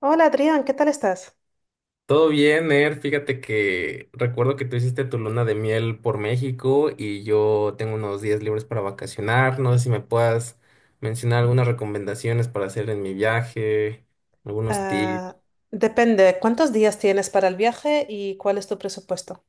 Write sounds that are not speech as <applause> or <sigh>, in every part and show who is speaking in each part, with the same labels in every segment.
Speaker 1: Hola Adrián, ¿qué tal estás?
Speaker 2: Todo bien, Er. Fíjate que recuerdo que tú hiciste tu luna de miel por México y yo tengo unos días libres para vacacionar. No sé si me puedas mencionar algunas recomendaciones para hacer en mi viaje, algunos tips.
Speaker 1: Ah, depende, ¿cuántos días tienes para el viaje y cuál es tu presupuesto?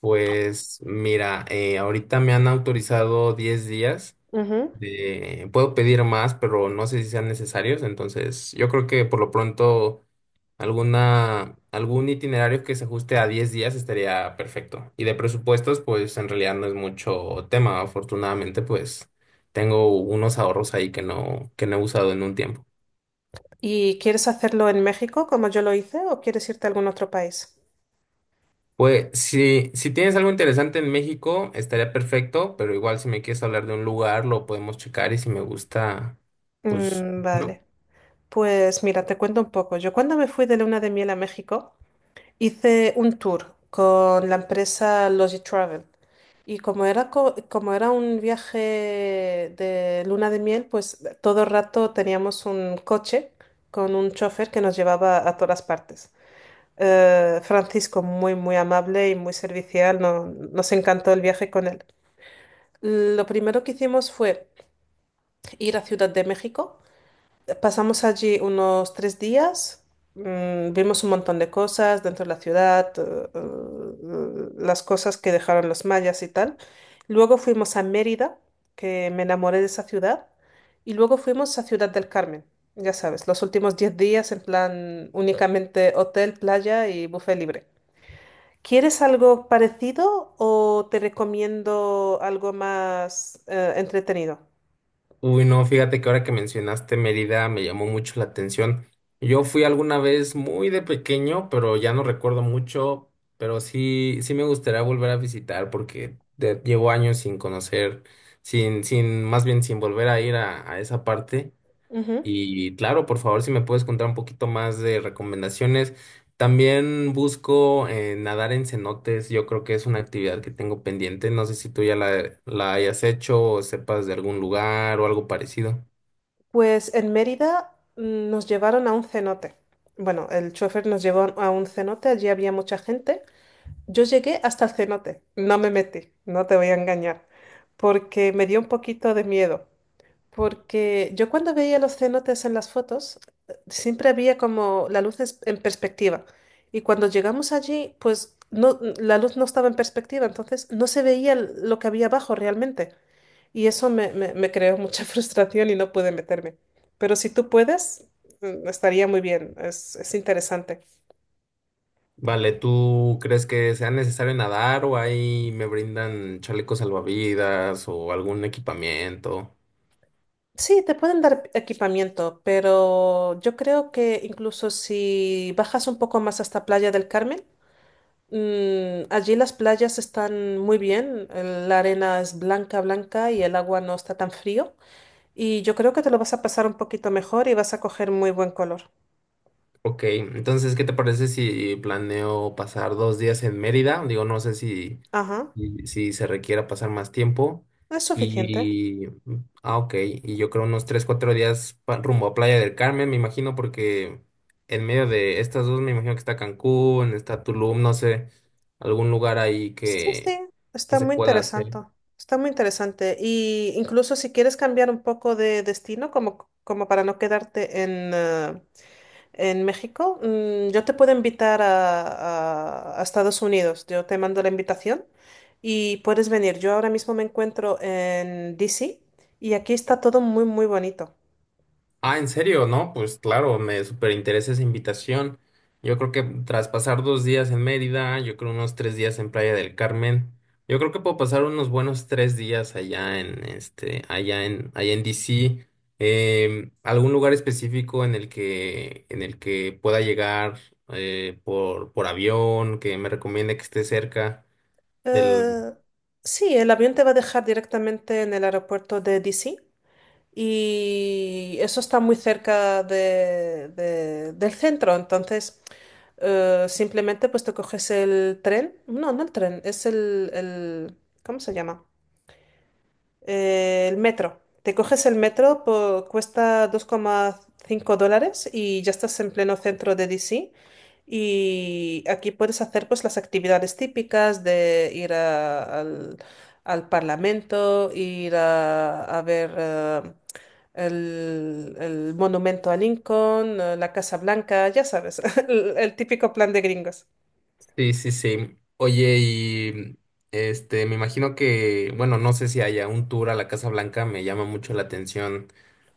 Speaker 2: Pues mira, ahorita me han autorizado 10 días.
Speaker 1: Ujú.
Speaker 2: Puedo pedir más, pero no sé si sean necesarios. Entonces, yo creo que por lo pronto. Algún itinerario que se ajuste a 10 días estaría perfecto. Y de presupuestos, pues en realidad no es mucho tema. Afortunadamente, pues tengo unos ahorros ahí que no he usado en un tiempo.
Speaker 1: ¿Y quieres hacerlo en México como yo lo hice o quieres irte a algún otro país?
Speaker 2: Pues si tienes algo interesante en México, estaría perfecto, pero igual si me quieres hablar de un lugar, lo podemos checar y si me gusta, pues,
Speaker 1: Mm,
Speaker 2: ¿no?
Speaker 1: vale, pues mira, te cuento un poco. Yo cuando me fui de luna de miel a México, hice un tour con la empresa Logi Travel y como era, un viaje de luna de miel, pues todo el rato teníamos un coche con un chofer que nos llevaba a todas partes. Francisco, muy, muy amable y muy servicial, nos encantó el viaje con él. Lo primero que hicimos fue ir a Ciudad de México. Pasamos allí unos 3 días, vimos un montón de cosas dentro de la ciudad, las cosas que dejaron los mayas y tal. Luego fuimos a Mérida, que me enamoré de esa ciudad, y luego fuimos a Ciudad del Carmen. Ya sabes, los últimos 10 días en plan únicamente hotel, playa y buffet libre. ¿Quieres algo parecido o te recomiendo algo más entretenido?
Speaker 2: Uy, no, fíjate que ahora que mencionaste Mérida me llamó mucho la atención. Yo fui alguna vez muy de pequeño, pero ya no recuerdo mucho, pero sí, sí me gustaría volver a visitar porque llevo años sin conocer, sin, sin, más bien sin volver a ir a esa parte.
Speaker 1: Ujú.
Speaker 2: Y claro, por favor, si me puedes contar un poquito más de recomendaciones. También busco nadar en cenotes. Yo creo que es una actividad que tengo pendiente. No sé si tú ya la hayas hecho o sepas de algún lugar o algo parecido.
Speaker 1: Pues en Mérida nos llevaron a un cenote. Bueno, el chofer nos llevó a un cenote, allí había mucha gente. Yo llegué hasta el cenote, no me metí, no te voy a engañar, porque me dio un poquito de miedo. Porque yo cuando veía los cenotes en las fotos, siempre había como la luz en perspectiva. Y cuando llegamos allí, pues no, la luz no estaba en perspectiva, entonces no se veía lo que había abajo realmente. Y eso me creó mucha <laughs> frustración y no pude meterme. Pero si tú puedes, estaría muy bien, es interesante.
Speaker 2: Vale, ¿tú crees que sea necesario nadar o ahí me brindan chalecos salvavidas o algún equipamiento?
Speaker 1: Sí, te pueden dar equipamiento, pero yo creo que incluso si bajas un poco más hasta Playa del Carmen. Allí las playas están muy bien, la arena es blanca, blanca y el agua no está tan frío. Y yo creo que te lo vas a pasar un poquito mejor y vas a coger muy buen color.
Speaker 2: Ok, entonces, ¿qué te parece si planeo pasar 2 días en Mérida? Digo, no sé si...
Speaker 1: Ajá,
Speaker 2: y si se requiera pasar más tiempo.
Speaker 1: es suficiente.
Speaker 2: Y, ok, y yo creo unos 3 4 días rumbo a Playa del Carmen, me imagino, porque en medio de estas dos, me imagino que está Cancún, está Tulum, no sé, algún lugar ahí
Speaker 1: Sí, sí,
Speaker 2: que
Speaker 1: está
Speaker 2: se
Speaker 1: muy
Speaker 2: pueda hacer.
Speaker 1: interesante. Está muy interesante. Y incluso si quieres cambiar un poco de destino, como para no quedarte en México, yo te puedo invitar a Estados Unidos. Yo te mando la invitación y puedes venir. Yo ahora mismo me encuentro en DC y aquí está todo muy, muy bonito.
Speaker 2: Ah, ¿en serio? No, pues claro, me súper interesa esa invitación. Yo creo que tras pasar 2 días en Mérida, yo creo unos 3 días en Playa del Carmen, yo creo que puedo pasar unos buenos 3 días allá en este, allá en, allá en DC. ¿Algún lugar específico en el que pueda llegar por avión, que me recomiende que esté cerca del,
Speaker 1: Eh, sí, el avión te va a dejar directamente en el aeropuerto de DC y eso está muy cerca del centro. Entonces, simplemente pues te coges el tren. No, no el tren, es el ¿cómo se llama? El metro. Te coges el metro, cuesta 2,5 dólares y ya estás en pleno centro de DC. Y aquí puedes hacer pues las actividades típicas de ir al Parlamento, ir a ver el monumento a Lincoln, la Casa Blanca, ya sabes, <laughs> el típico plan de gringos.
Speaker 2: Sí, sí, sí. Oye, y este, me imagino que, bueno, no sé si haya un tour a la Casa Blanca, me llama mucho la atención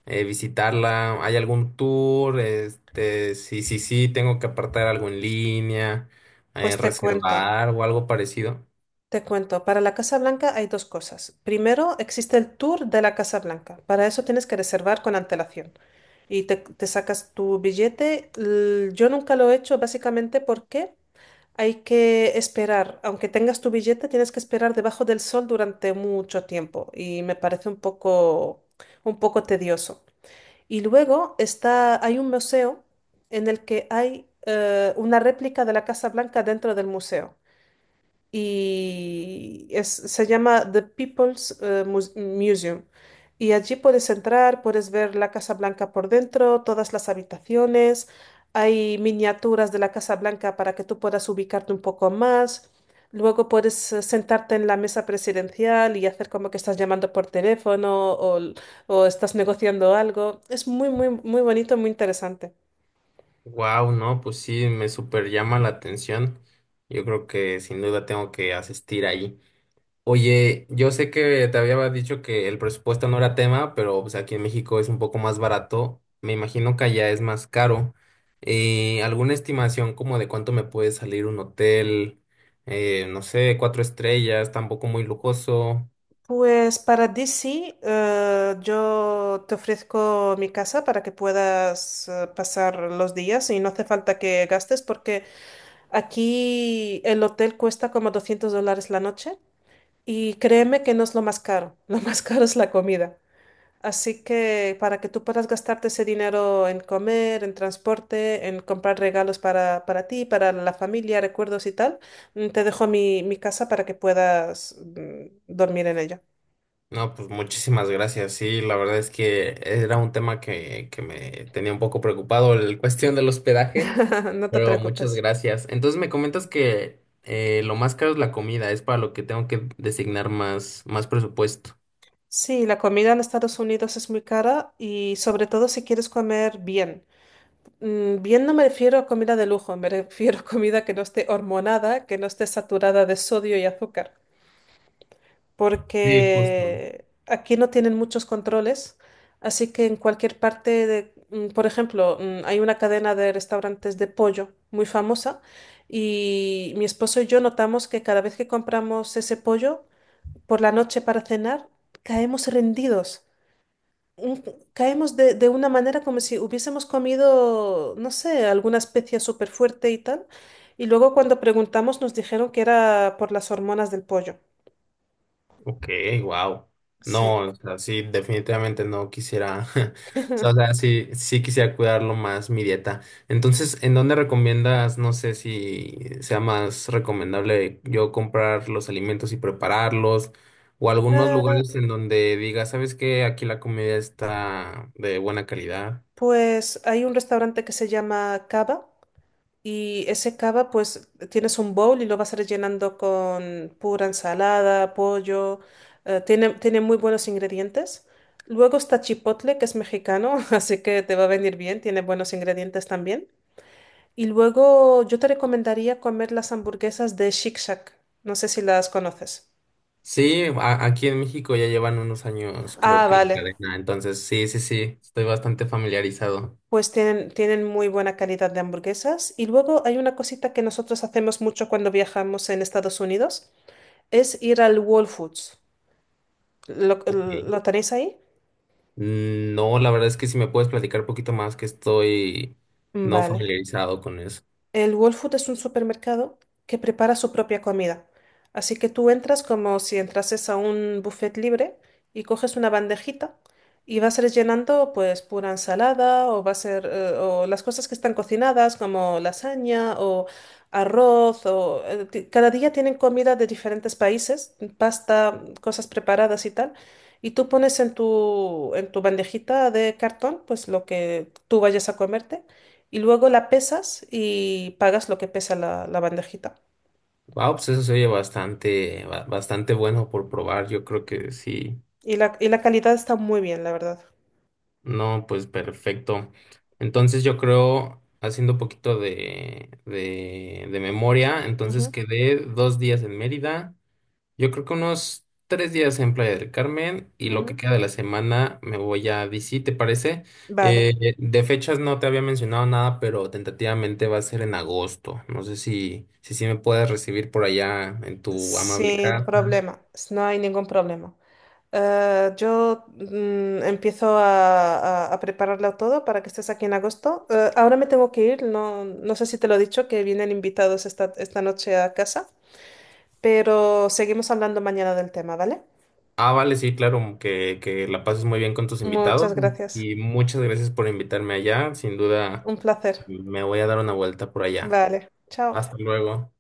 Speaker 2: visitarla. ¿Hay algún tour? Este, sí, sí, sí, tengo que apartar algo en línea,
Speaker 1: Pues te cuento.
Speaker 2: reservar o algo parecido.
Speaker 1: Te cuento, para la Casa Blanca hay dos cosas. Primero, existe el tour de la Casa Blanca. Para eso tienes que reservar con antelación y te sacas tu billete. Yo nunca lo he hecho básicamente porque hay que esperar. Aunque tengas tu billete, tienes que esperar debajo del sol durante mucho tiempo y me parece un poco tedioso. Y luego está, hay un museo en el que hay una réplica de la Casa Blanca dentro del museo y se llama The People's Museum. Y allí puedes entrar, puedes ver la Casa Blanca por dentro, todas las habitaciones, hay miniaturas de la Casa Blanca para que tú puedas ubicarte un poco más. Luego puedes sentarte en la mesa presidencial y hacer como que estás llamando por teléfono o estás negociando algo. Es muy, muy, muy bonito, muy interesante.
Speaker 2: Wow, no, pues sí, me super llama la atención. Yo creo que sin duda tengo que asistir ahí. Oye, yo sé que te había dicho que el presupuesto no era tema, pero pues aquí en México es un poco más barato. Me imagino que allá es más caro. ¿Alguna estimación como de cuánto me puede salir un hotel? No sé, 4 estrellas, tampoco muy lujoso.
Speaker 1: Pues para DC, yo te ofrezco mi casa para que puedas pasar los días y no hace falta que gastes porque aquí el hotel cuesta como $200 la noche y créeme que no es lo más caro, <laughs> lo más caro es la comida. Así que para que tú puedas gastarte ese dinero en comer, en transporte, en comprar regalos para ti, para la familia, recuerdos y tal, te dejo mi casa para que puedas dormir en ella.
Speaker 2: No, pues muchísimas gracias. Sí, la verdad es que era un tema que me tenía un poco preocupado, la cuestión del hospedaje.
Speaker 1: <laughs> No te
Speaker 2: Pero muchas
Speaker 1: preocupes.
Speaker 2: gracias. Entonces me comentas que lo más caro es la comida, es para lo que tengo que designar más presupuesto.
Speaker 1: Sí, la comida en Estados Unidos es muy cara y sobre todo si quieres comer bien. Bien no me refiero a comida de lujo, me refiero a comida que no esté hormonada, que no esté saturada de sodio y azúcar,
Speaker 2: Sí, justo.
Speaker 1: porque aquí no tienen muchos controles, así que en cualquier parte de, por ejemplo, hay una cadena de restaurantes de pollo muy famosa y mi esposo y yo notamos que cada vez que compramos ese pollo, por la noche para cenar, caemos rendidos. Un- Caemos de una manera como si hubiésemos comido, no sé, alguna especia súper fuerte y tal. Y luego cuando preguntamos nos dijeron que era por las hormonas del pollo.
Speaker 2: Ok, wow. No,
Speaker 1: Sí.
Speaker 2: o sea, sí, definitivamente no quisiera, <laughs> o sea, sí, sí quisiera cuidarlo más mi dieta. Entonces, ¿en dónde recomiendas? No sé si sea más recomendable yo comprar los alimentos y prepararlos o algunos
Speaker 1: Eh,
Speaker 2: lugares en donde diga, ¿sabes qué? Aquí la comida está de buena calidad.
Speaker 1: pues hay un restaurante que se llama Cava. Y ese cava, pues tienes un bowl y lo vas rellenando con pura ensalada, pollo. Tiene muy buenos ingredientes. Luego está chipotle, que es mexicano, <laughs> así que te va a venir bien, tiene buenos ingredientes también. Y luego yo te recomendaría comer las hamburguesas de Shake Shack. No sé si las conoces.
Speaker 2: Sí, aquí en México ya llevan unos años, creo
Speaker 1: Ah,
Speaker 2: que la
Speaker 1: vale.
Speaker 2: cadena. Entonces, sí, sí, sí, estoy bastante familiarizado.
Speaker 1: Pues tienen muy buena calidad de hamburguesas. Y luego hay una cosita que nosotros hacemos mucho cuando viajamos en Estados Unidos, es ir al Whole Foods. ¿Lo,
Speaker 2: Ok.
Speaker 1: lo tenéis ahí?
Speaker 2: Mm, no, la verdad es que si me puedes platicar un poquito más, que estoy no
Speaker 1: Vale.
Speaker 2: familiarizado con eso.
Speaker 1: El Whole Food es un supermercado que prepara su propia comida. Así que tú entras como si entrases a un buffet libre y coges una bandejita y vas rellenando pues pura ensalada o va a ser o las cosas que están cocinadas como lasaña o arroz o cada día tienen comida de diferentes países, pasta, cosas preparadas y tal. Y tú pones en tu bandejita de cartón pues lo que tú vayas a comerte y luego la pesas y pagas lo que pesa la bandejita.
Speaker 2: Wow, pues eso se oye bastante, bastante bueno por probar. Yo creo que sí.
Speaker 1: Y la calidad está muy bien, la verdad.
Speaker 2: No, pues perfecto. Entonces, yo creo, haciendo un poquito de memoria, entonces
Speaker 1: Ujú,
Speaker 2: quedé 2 días en Mérida. Yo creo que unos 3 días en Playa del Carmen y lo que
Speaker 1: ujú.
Speaker 2: queda de la semana me voy a DC, ¿te parece?
Speaker 1: Vale,
Speaker 2: De fechas no te había mencionado nada, pero tentativamente va a ser en agosto. No sé si sí me puedes recibir por allá en tu amable
Speaker 1: sin
Speaker 2: casa.
Speaker 1: problema, no hay ningún problema. Yo empiezo a prepararlo todo para que estés aquí en agosto. Ahora me tengo que ir, no, no sé si te lo he dicho, que vienen invitados esta noche a casa, pero seguimos hablando mañana del tema, ¿vale?
Speaker 2: Ah, vale, sí, claro, que la pases muy bien con tus invitados
Speaker 1: Muchas gracias,
Speaker 2: y muchas gracias por invitarme allá. Sin duda
Speaker 1: un placer.
Speaker 2: me voy a dar una vuelta por allá.
Speaker 1: Vale,
Speaker 2: Hasta
Speaker 1: chao.
Speaker 2: luego.